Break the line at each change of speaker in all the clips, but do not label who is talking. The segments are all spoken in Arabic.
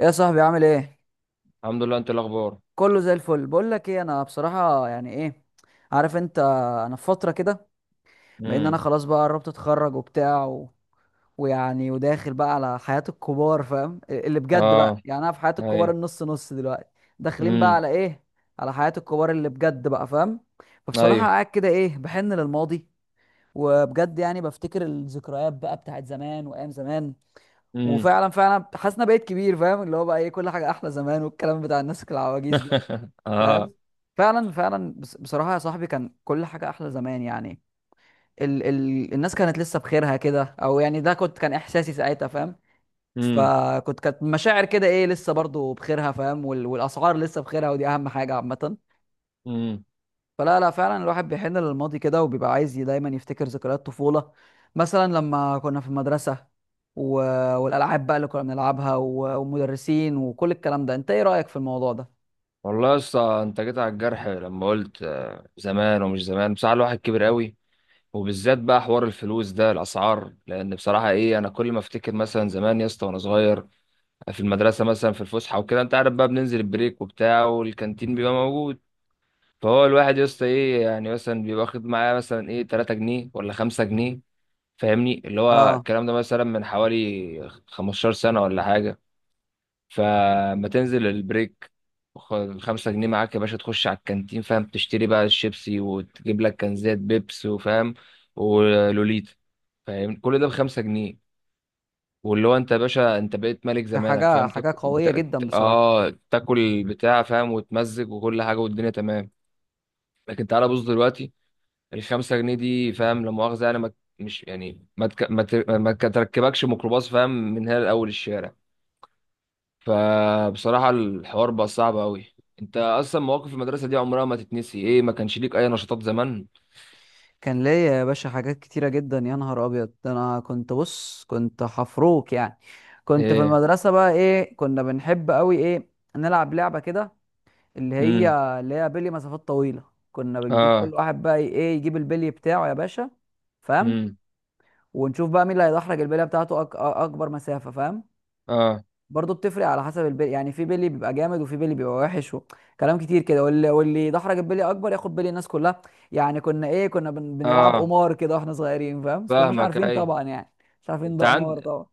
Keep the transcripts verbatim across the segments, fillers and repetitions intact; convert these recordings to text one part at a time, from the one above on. ايه يا صاحبي عامل ايه؟
الحمد لله. انت إيه الاخبار؟
كله زي الفل. بقول لك ايه، انا بصراحه يعني ايه عارف انت، انا في فتره كده بان انا
امم.
خلاص بقى قربت اتخرج وبتاع و... ويعني وداخل بقى على حياه الكبار، فاهم؟ اللي بجد بقى،
اه.
يعني انا في حياه الكبار
ايوه.
النص نص دلوقتي. داخلين بقى
امم.
على ايه؟ على حياه الكبار اللي بجد بقى، فاهم؟ فبصراحه
ايوه.
قاعد كده ايه، بحن للماضي وبجد يعني بفتكر الذكريات بقى بتاعت زمان وايام زمان.
امم.
وفعلا فعلا حاسس إن أنا بقيت كبير، فاهم؟ اللي هو بقى ايه، كل حاجه احلى زمان، والكلام بتاع الناس العواجيز ده، فاهم؟
اه.
فعلا فعلا بص- بصراحة يا صاحبي كان كل حاجة أحلى زمان يعني. ال ال الناس كانت لسه بخيرها كده، أو يعني ده كنت كان إحساسي ساعتها، فاهم؟
امم.
فكنت كانت مشاعر كده إيه، لسه برضو بخيرها، فاهم؟ وال والأسعار لسه بخيرها، ودي أهم حاجة عامة.
امم.
فلا لا فعلا الواحد بيحن للماضي كده، وبيبقى عايز ي- دايما يفتكر ذكريات طفولة، مثلا لما كنا في المدرسة و... والألعاب بقى اللي كنا بنلعبها و... والمدرسين وكل الكلام ده. أنت إيه رأيك في الموضوع ده؟
والله يا اسطى انت جيت على الجرح لما قلت آه، زمان ومش زمان، بصراحه الواحد كبر قوي. وبالذات بقى حوار الفلوس ده الاسعار، لان بصراحه ايه انا كل ما افتكر مثلا زمان يا اسطى وانا صغير في المدرسه، مثلا في الفسحه وكده انت عارف بقى، بننزل البريك وبتاع والكانتين بيبقى موجود. فهو الواحد يا اسطى ايه يعني مثلا بيبقى واخد معاه مثلا ايه ثلاثة جنيه ولا خمسة جنيه، فاهمني؟ اللي هو
آه،
الكلام ده مثلا من حوالي خمستاشر سنة ولا حاجة. فما تنزل البريك، خد الخمسة جنيه معاك يا باشا تخش على الكانتين، فاهم؟ تشتري بقى الشيبسي وتجيب لك كنزات بيبس وفاهم، ولوليتا. فاهم، كل ده بخمسة جنيه. واللي هو انت يا باشا انت بقيت ملك
ده
زمانك،
حاجة
فاهم؟
حاجة
تاكل.
قوية
تا-
جدا
تا-
بصراحة.
اه تاكل بتاع، فاهم؟ وتمزج وكل حاجة والدنيا تمام. لكن تعالى بص دلوقتي، الخمسة جنيه دي، فاهم؟ لا مؤاخذة، يعني ما، مش يعني ما تك... ما, ت... ما ك- تركبكش ميكروباص، فاهم، من هنا لأول الشارع. فبصراحة الحوار بقى صعب أوي. أنت أصلا مواقف المدرسة دي عمرها ما تتنسي. إيه ما كانش ليك أي نشاطات زمان؟
كان ليا يا باشا حاجات كتيرة جدا، يا نهار أبيض! ده أنا كنت بص كنت حفروك يعني. كنت في
إيه.
المدرسة بقى إيه، كنا بنحب أوي إيه، نلعب لعبة كده، اللي هي
امم.
اللي هي بلي مسافات طويلة. كنا بنجيب كل
آه.
واحد بقى إيه يجيب البلي بتاعه يا باشا، فاهم؟
امم.
ونشوف بقى مين اللي هيدحرج البلية بتاعته أك... أكبر مسافة، فاهم؟
آه.
برضه بتفرق على حسب البلي، يعني في بلي بيبقى جامد وفي بلي بيبقى وحش وكلام كتير كده. واللي واللي يدحرج البلي اكبر ياخد بلي الناس كلها. يعني كنا ايه كنا بن... بنلعب
آه
قمار كده واحنا صغيرين، فاهم؟ بس كناش
فاهمك،
عارفين
أي.
طبعا يعني، مش عارفين
أنت
ده قمار
عند
طبعا.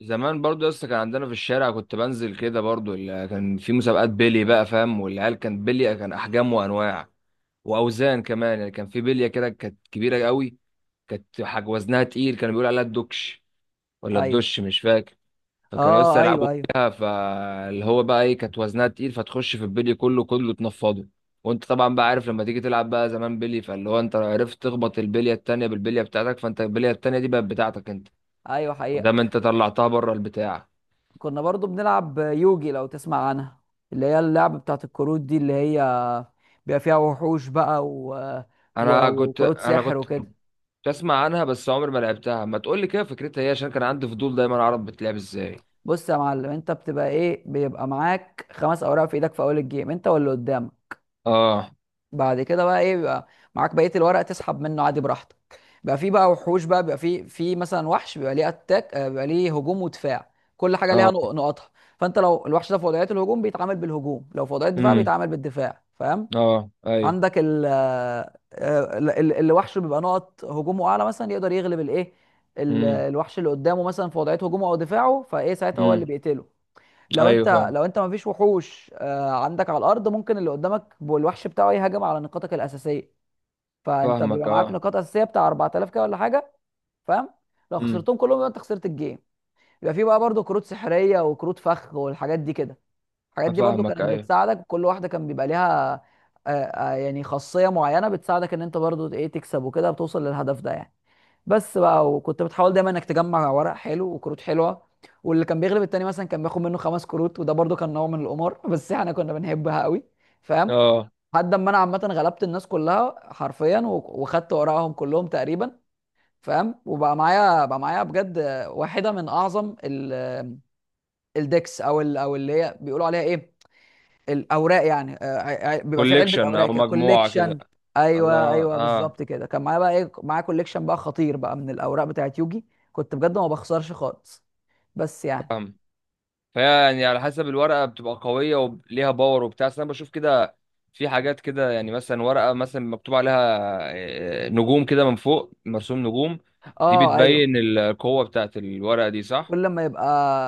زمان برضو يا اسطى كان عندنا في الشارع، كنت بنزل كده برضو، ال- كان في مسابقات بيلي بقى فاهم، والعيال كان بيلي كان احجام وانواع واوزان كمان، يعني كان في بليه كده كانت كبيره قوي، كانت حاج وزنها تقيل كانوا بيقولوا عليها الدكش، ولا
ايوه.
الدش مش فاكر. فكانوا لسه
اه،
يلعبوا
ايوه. ايوه،
فيها، فاللي هو بقى ايه كانت وزنها تقيل فتخش في البلي كله كله تنفضه. وانت طبعا بقى عارف لما تيجي تلعب بقى زمان بلي، فاللي هو انت عرفت تخبط البليه التانيه بالبليه بتاعتك، فانت البليه التانيه دي بقت بتاعتك انت،
ايوه
ما
حقيقة.
دام انت طلعتها بره البتاع.
كنا برضه بنلعب يوجي، لو تسمع عنها، اللي هي اللعبة بتاعت الكروت دي، اللي هي بيبقى فيها وحوش بقى و... و...
انا كنت
وكروت
انا
سحر
كنت
وكده.
بسمع عنها بس عمري ما لعبتها. ما تقول لي كده فكرتها ايه عشان كان عندي فضول دايما اعرف بتلعب ازاي.
بص يا معلم، انت بتبقى ايه، بيبقى معاك خمس اوراق في ايدك في اول الجيم، انت واللي قدامك.
اه.
بعد كده بقى ايه، بيبقى معاك بقيه الورق تسحب منه عادي براحتك. بقى في بقى وحوش بقى، بيبقى في في مثلا وحش بيبقى ليه اتاك، آه، بيبقى ليه هجوم ودفاع، كل حاجه ليها
اه.
نق- نقطها. فانت لو الوحش ده في وضعيه الهجوم بيتعامل بالهجوم، لو في وضعيه الدفاع
امم.
بيتعامل بالدفاع، فاهم؟
اه. ايوه.
عندك ال آه، آه، ال- ال- اللي وحشه بيبقى نقط هجومه اعلى مثلا، يقدر يغلب الايه، ال-
امم.
الوحش اللي قدامه مثلا في وضعيه هجومه او دفاعه، فايه ساعتها هو
امم.
اللي بيقتله. لو
ايوه.
انت
فاهم.
لو انت مفيش وحوش آه، عندك على الارض، ممكن اللي قدامك والوحش بتاعه يهاجم على نقاطك الاساسيه. فانت بيبقى
فاهمك.
معاك
اه.
نقاط اساسيه بتاع اربعه الاف كده ولا حاجه، فاهم؟ لو
امم.
خسرتهم كلهم يبقى انت خسرت الجيم. يبقى في بقى برضو كروت سحريه وكروت فخ والحاجات دي كده. الحاجات دي برضو
فاهمك.
كانت
ايوه.
بتساعدك، كل واحده كان بيبقى ليها آه، آه، يعني خاصيه معينه بتساعدك ان انت برضو ايه تكسب وكده، بتوصل للهدف ده يعني. بس بقى، وكنت بتحاول دايما انك تجمع ورق حلو وكروت حلوه. واللي كان بيغلب التاني مثلا كان بياخد منه خمس كروت، وده برضو كان نوع من القمار. بس احنا كنا بنحبها قوي، فاهم؟
اه،
لحد ما انا عامه غلبت الناس كلها حرفيا، و- وخدت ورقهم كلهم تقريبا، فاهم؟ وبقى معايا بقى معايا بجد واحده من اعظم ال- الديكس، او ال- او اللي هي بيقولوا عليها ايه، الاوراق يعني. آه، ع- ع- بيبقى في علبه
كوليكشن او
اوراق كده،
مجموعة كده.
كوليكشن. ايوه
الله.
ايوه
اه،
بالظبط كده، كان معايا بقى ايه، معايا كوليكشن بقى خطير بقى من الاوراق بتاعت يوجي. كنت بجد ما بخسرش خالص، بس يعني.
فاهم. فيعني على حسب الورقة بتبقى قوية وليها باور وبتاع، بس أنا بشوف كده في حاجات كده، يعني مثلا ورقة مثلا مكتوب عليها آه، نجوم كده من فوق مرسوم نجوم، دي
اه، ايوه.
بتبين القوة بتاعت الورقة دي، صح؟
كل ما يبقى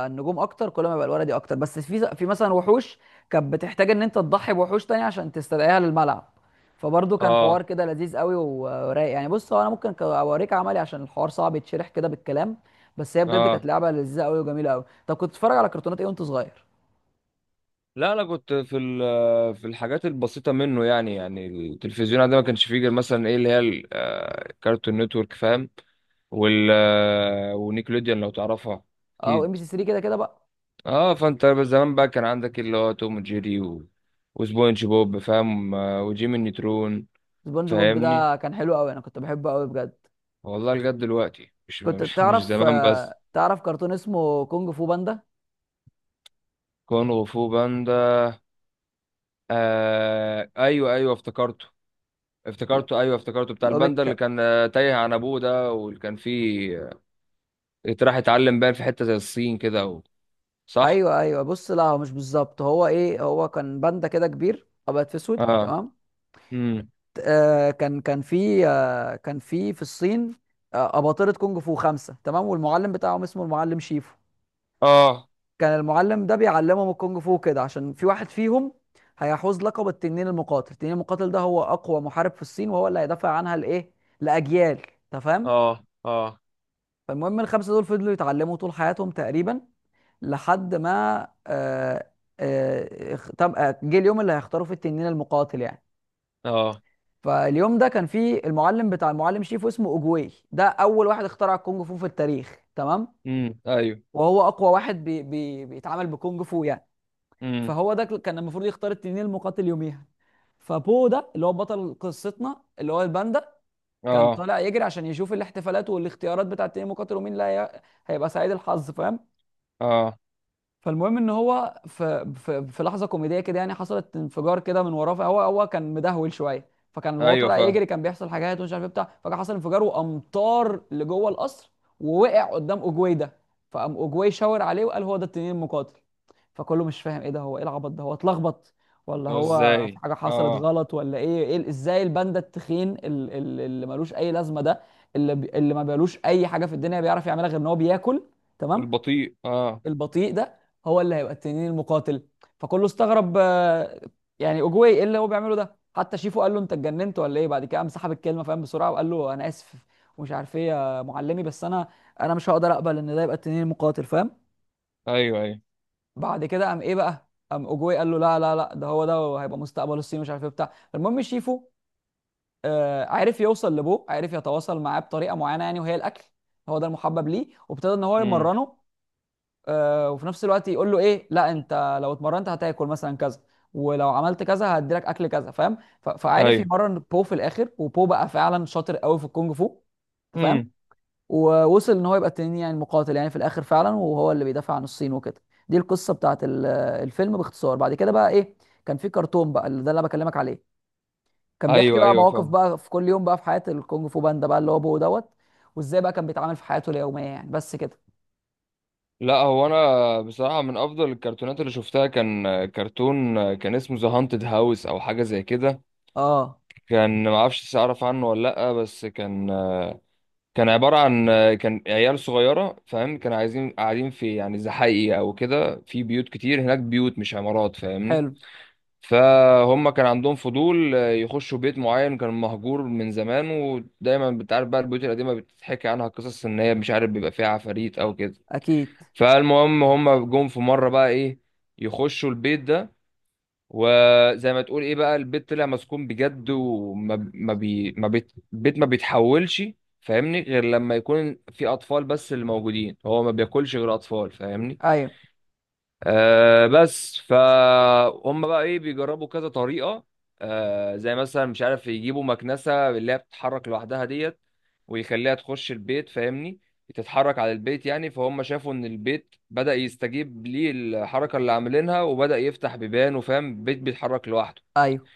النجوم اكتر كل ما يبقى الورقي اكتر. بس في في مثلا وحوش كانت بتحتاج ان انت تضحي بوحوش تانية عشان تستدعيها للملعب. فبرضه كان حوار
اه.
كده لذيذ قوي ورايق يعني. بص هو انا ممكن ك- اوريك عملي، عشان الحوار صعب يتشرح كده بالكلام. بس هي بجد
اه،
كانت لعبه لذيذه قوي وجميله قوي. طب كنت بتتفرج على كرتونات ايه وانت صغير؟
لا انا كنت في ال- في الحاجات البسيطه منه، يعني يعني التلفزيون عندنا ما كانش فيه غير مثلا ايه، اللي هي ال- آه، كارتون نتورك، فاهم؟ وال آه، ونيكلوديان لو تعرفها.
اه،
اكيد.
وام بي سي ثلاثه، كده كده بقى.
اه، فانت زمان بقى كان عندك اللي هو توم وجيري و... وسبونج بوب، فاهم؟ آه، وجيمي نيترون.
سبونج بوب
فاهمني.
ده كان حلو قوي، انا كنت بحبه قوي بجد.
والله لجد دلوقتي مش
كنت
مش مش
تعرف،
زمان بس.
آه، تعرف كرتون اسمه كونج فو باندا؟
كونغ فو باندا. آه ايوه ايوه افتكرته.
لا،
افتكرته ايوه افتكرته، بتاع
لو
الباندا
بيك.
اللي كان آه، تايه عن ابوه ده، واللي كان فيه آه، راح يتعلم بقى في حته زي الصين كده و... صح.
ايوه ايوه. بص لا هو مش بالظبط، هو ايه، هو كان باندا كده كبير ابيض في اسود،
اه.
تمام؟
امم.
آه كان كان في آه كان في في الصين. آه، اباطره كونج فو خمسه، تمام؟ والمعلم بتاعهم اسمه المعلم شيفو.
اه.
كان المعلم ده بيعلمهم الكونج فو كده عشان في واحد فيهم هيحوز لقب التنين المقاتل. التنين المقاتل ده هو اقوى محارب في الصين، وهو اللي هيدافع عنها لايه، لاجيال، انت فاهم؟
اه. اه.
فالمهم الخمسه دول فضلوا يتعلموا طول حياتهم تقريبا، لحد ما آه، آه، اخ- طب آه، جه اليوم اللي هيختاروا فيه التنين المقاتل يعني.
اه.
فاليوم ده كان فيه المعلم بتاع المعلم شيفو اسمه اوجواي، ده اول واحد اخترع الكونج فو في التاريخ، تمام؟
امم. ايوه.
وهو اقوى واحد بي بي بيتعامل بكونج فو يعني.
امم.
فهو ده كان المفروض يختار التنين المقاتل يوميها. فبو ده اللي هو بطل قصتنا، اللي هو الباندا، كان
اه.
طالع يجري عشان يشوف الاحتفالات والاختيارات بتاعت التنين المقاتل ومين اللي هي- هيبقى سعيد الحظ، فاهم؟
اه.
فالمهم ان هو في في, في لحظه كوميديه كده يعني، حصلت انفجار كده من وراه. فهو هو كان مدهول شويه. فكان وهو
ايوه
طالع
فاهم.
يجري كان بيحصل حاجات ومش عارف ايه بتاع. فكان حصل انفجار وامطار لجوه القصر، ووقع قدام اوجواي ده. فقام اوجواي شاور عليه وقال هو ده التنين المقاتل. فكله مش فاهم ايه ده، هو ايه العبط ده، هو اتلخبط ولا
لو
هو في
ازاي؟
حاجه حصلت
اه.
غلط ولا ايه، إيه ازاي الباندا التخين، ال- ال- اللي ملوش اي لازمه ده، اللي بي- اللي ما بيلوش اي حاجه في الدنيا بيعرف يعملها غير ان هو بياكل، تمام؟
والبطيء اه.
البطيء ده هو اللي هيبقى التنين المقاتل؟ فكله استغرب، آه، يعني اوجواي ايه اللي هو بيعمله ده؟ حتى شيفو قال له انت اتجننت ولا ايه؟ بعد كده قام سحب الكلمه، فاهم، بسرعه وقال له انا اسف ومش عارف ايه يا معلمي، بس انا انا مش هقدر اقبل ان ده يبقى التنين المقاتل، فاهم؟
ايوه. ايوه.
بعد كده قام ايه بقى، قام اوجواي قال له لا لا لا، ده هو ده وهيبقى مستقبل الصين مش عارف ايه بتاع. المهم شيفو آه عرف يوصل لابوه، عرف يتواصل معاه بطريقه معينه يعني، وهي الاكل، هو ده المحبب ليه. وابتدى ان هو
امم.
يمرنه، آه، وفي نفس الوقت يقول له ايه لا انت لو اتمرنت هتاكل مثلا كذا، ولو عملت كذا هديلك اكل كذا، فاهم؟ ف- فعارف
ايوه.
يمرن بو في الاخر، وبو بقى فعلا شاطر قوي في الكونج فو، انت فاهم؟
امم.
ووصل ان هو يبقى التنين يعني المقاتل يعني في الاخر فعلا، وهو اللي بيدافع عن الصين وكده. دي القصه بتاعت ال- الفيلم باختصار. بعد كده بقى ايه، كان في كرتون بقى، اللي ده اللي أنا بكلمك عليه، كان بيحكي
ايوه.
بقى
ايوه.
مواقف
فاهم.
بقى في كل يوم بقى في حياه الكونج فو باندا بقى، اللي هو بو دوت، وازاي بقى كان بيتعامل في حياته اليوميه يعني، بس كده.
لا هو انا بصراحه من افضل الكرتونات اللي شفتها كان كرتون، كان اسمه ذا هانتد هاوس او حاجه زي كده.
اه،
كان ما اعرفش اعرف عنه ولا لا، بس كان، كان عباره عن، كان عيال صغيره، فاهم؟ كانوا عايزين قاعدين في يعني زحايق او كده في بيوت كتير هناك، بيوت مش عمارات، فاهمني؟
حلو.
فهم كان عندهم فضول آه، يخشوا بيت معين كان مهجور من زمان، ودايما بتعرف بقى البيوت القديمة بتتحكي عنها قصص ان هي مش عارف بيبقى فيها عفاريت او كده.
اكيد.
فالمهم هم جم في مرة بقى ايه، يخشوا البيت ده. وزي ما تقول ايه بقى البيت طلع مسكون بجد، وما ما بي ما بيت البيت ما بيتحولش، فاهمني، غير لما يكون في اطفال بس اللي موجودين، هو ما بياكلش غير اطفال، فاهمني؟
ايوه
آه بس فهم بقى ايه بيجربوا كذا طريقة، آه زي مثلا مش عارف يجيبوا مكنسة اللي هي بتتحرك لوحدها ديت، ويخليها تخش البيت، فاهمني؟ تتحرك على البيت يعني، فهم شافوا ان البيت بدأ يستجيب ليه الحركة اللي عاملينها، وبدأ يفتح بيبان وفاهم بيت بيتحرك لوحده.
ايوه.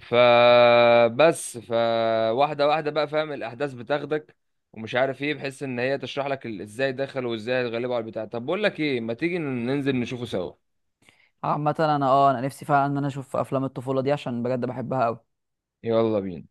فبس فواحدة واحدة بقى فاهم الأحداث بتاخدك، ومش عارف ايه، بحيث ان هي تشرح لك ال- ازاي دخل وازاي اتغلبوا على البتاع. طب بقول لك ايه، ما تيجي ننزل نشوفه سوا.
عامة انا اه انا نفسي فعلا ان انا اشوف افلام الطفولة دي، عشان بجد بحبها قوي.
يلا بينا.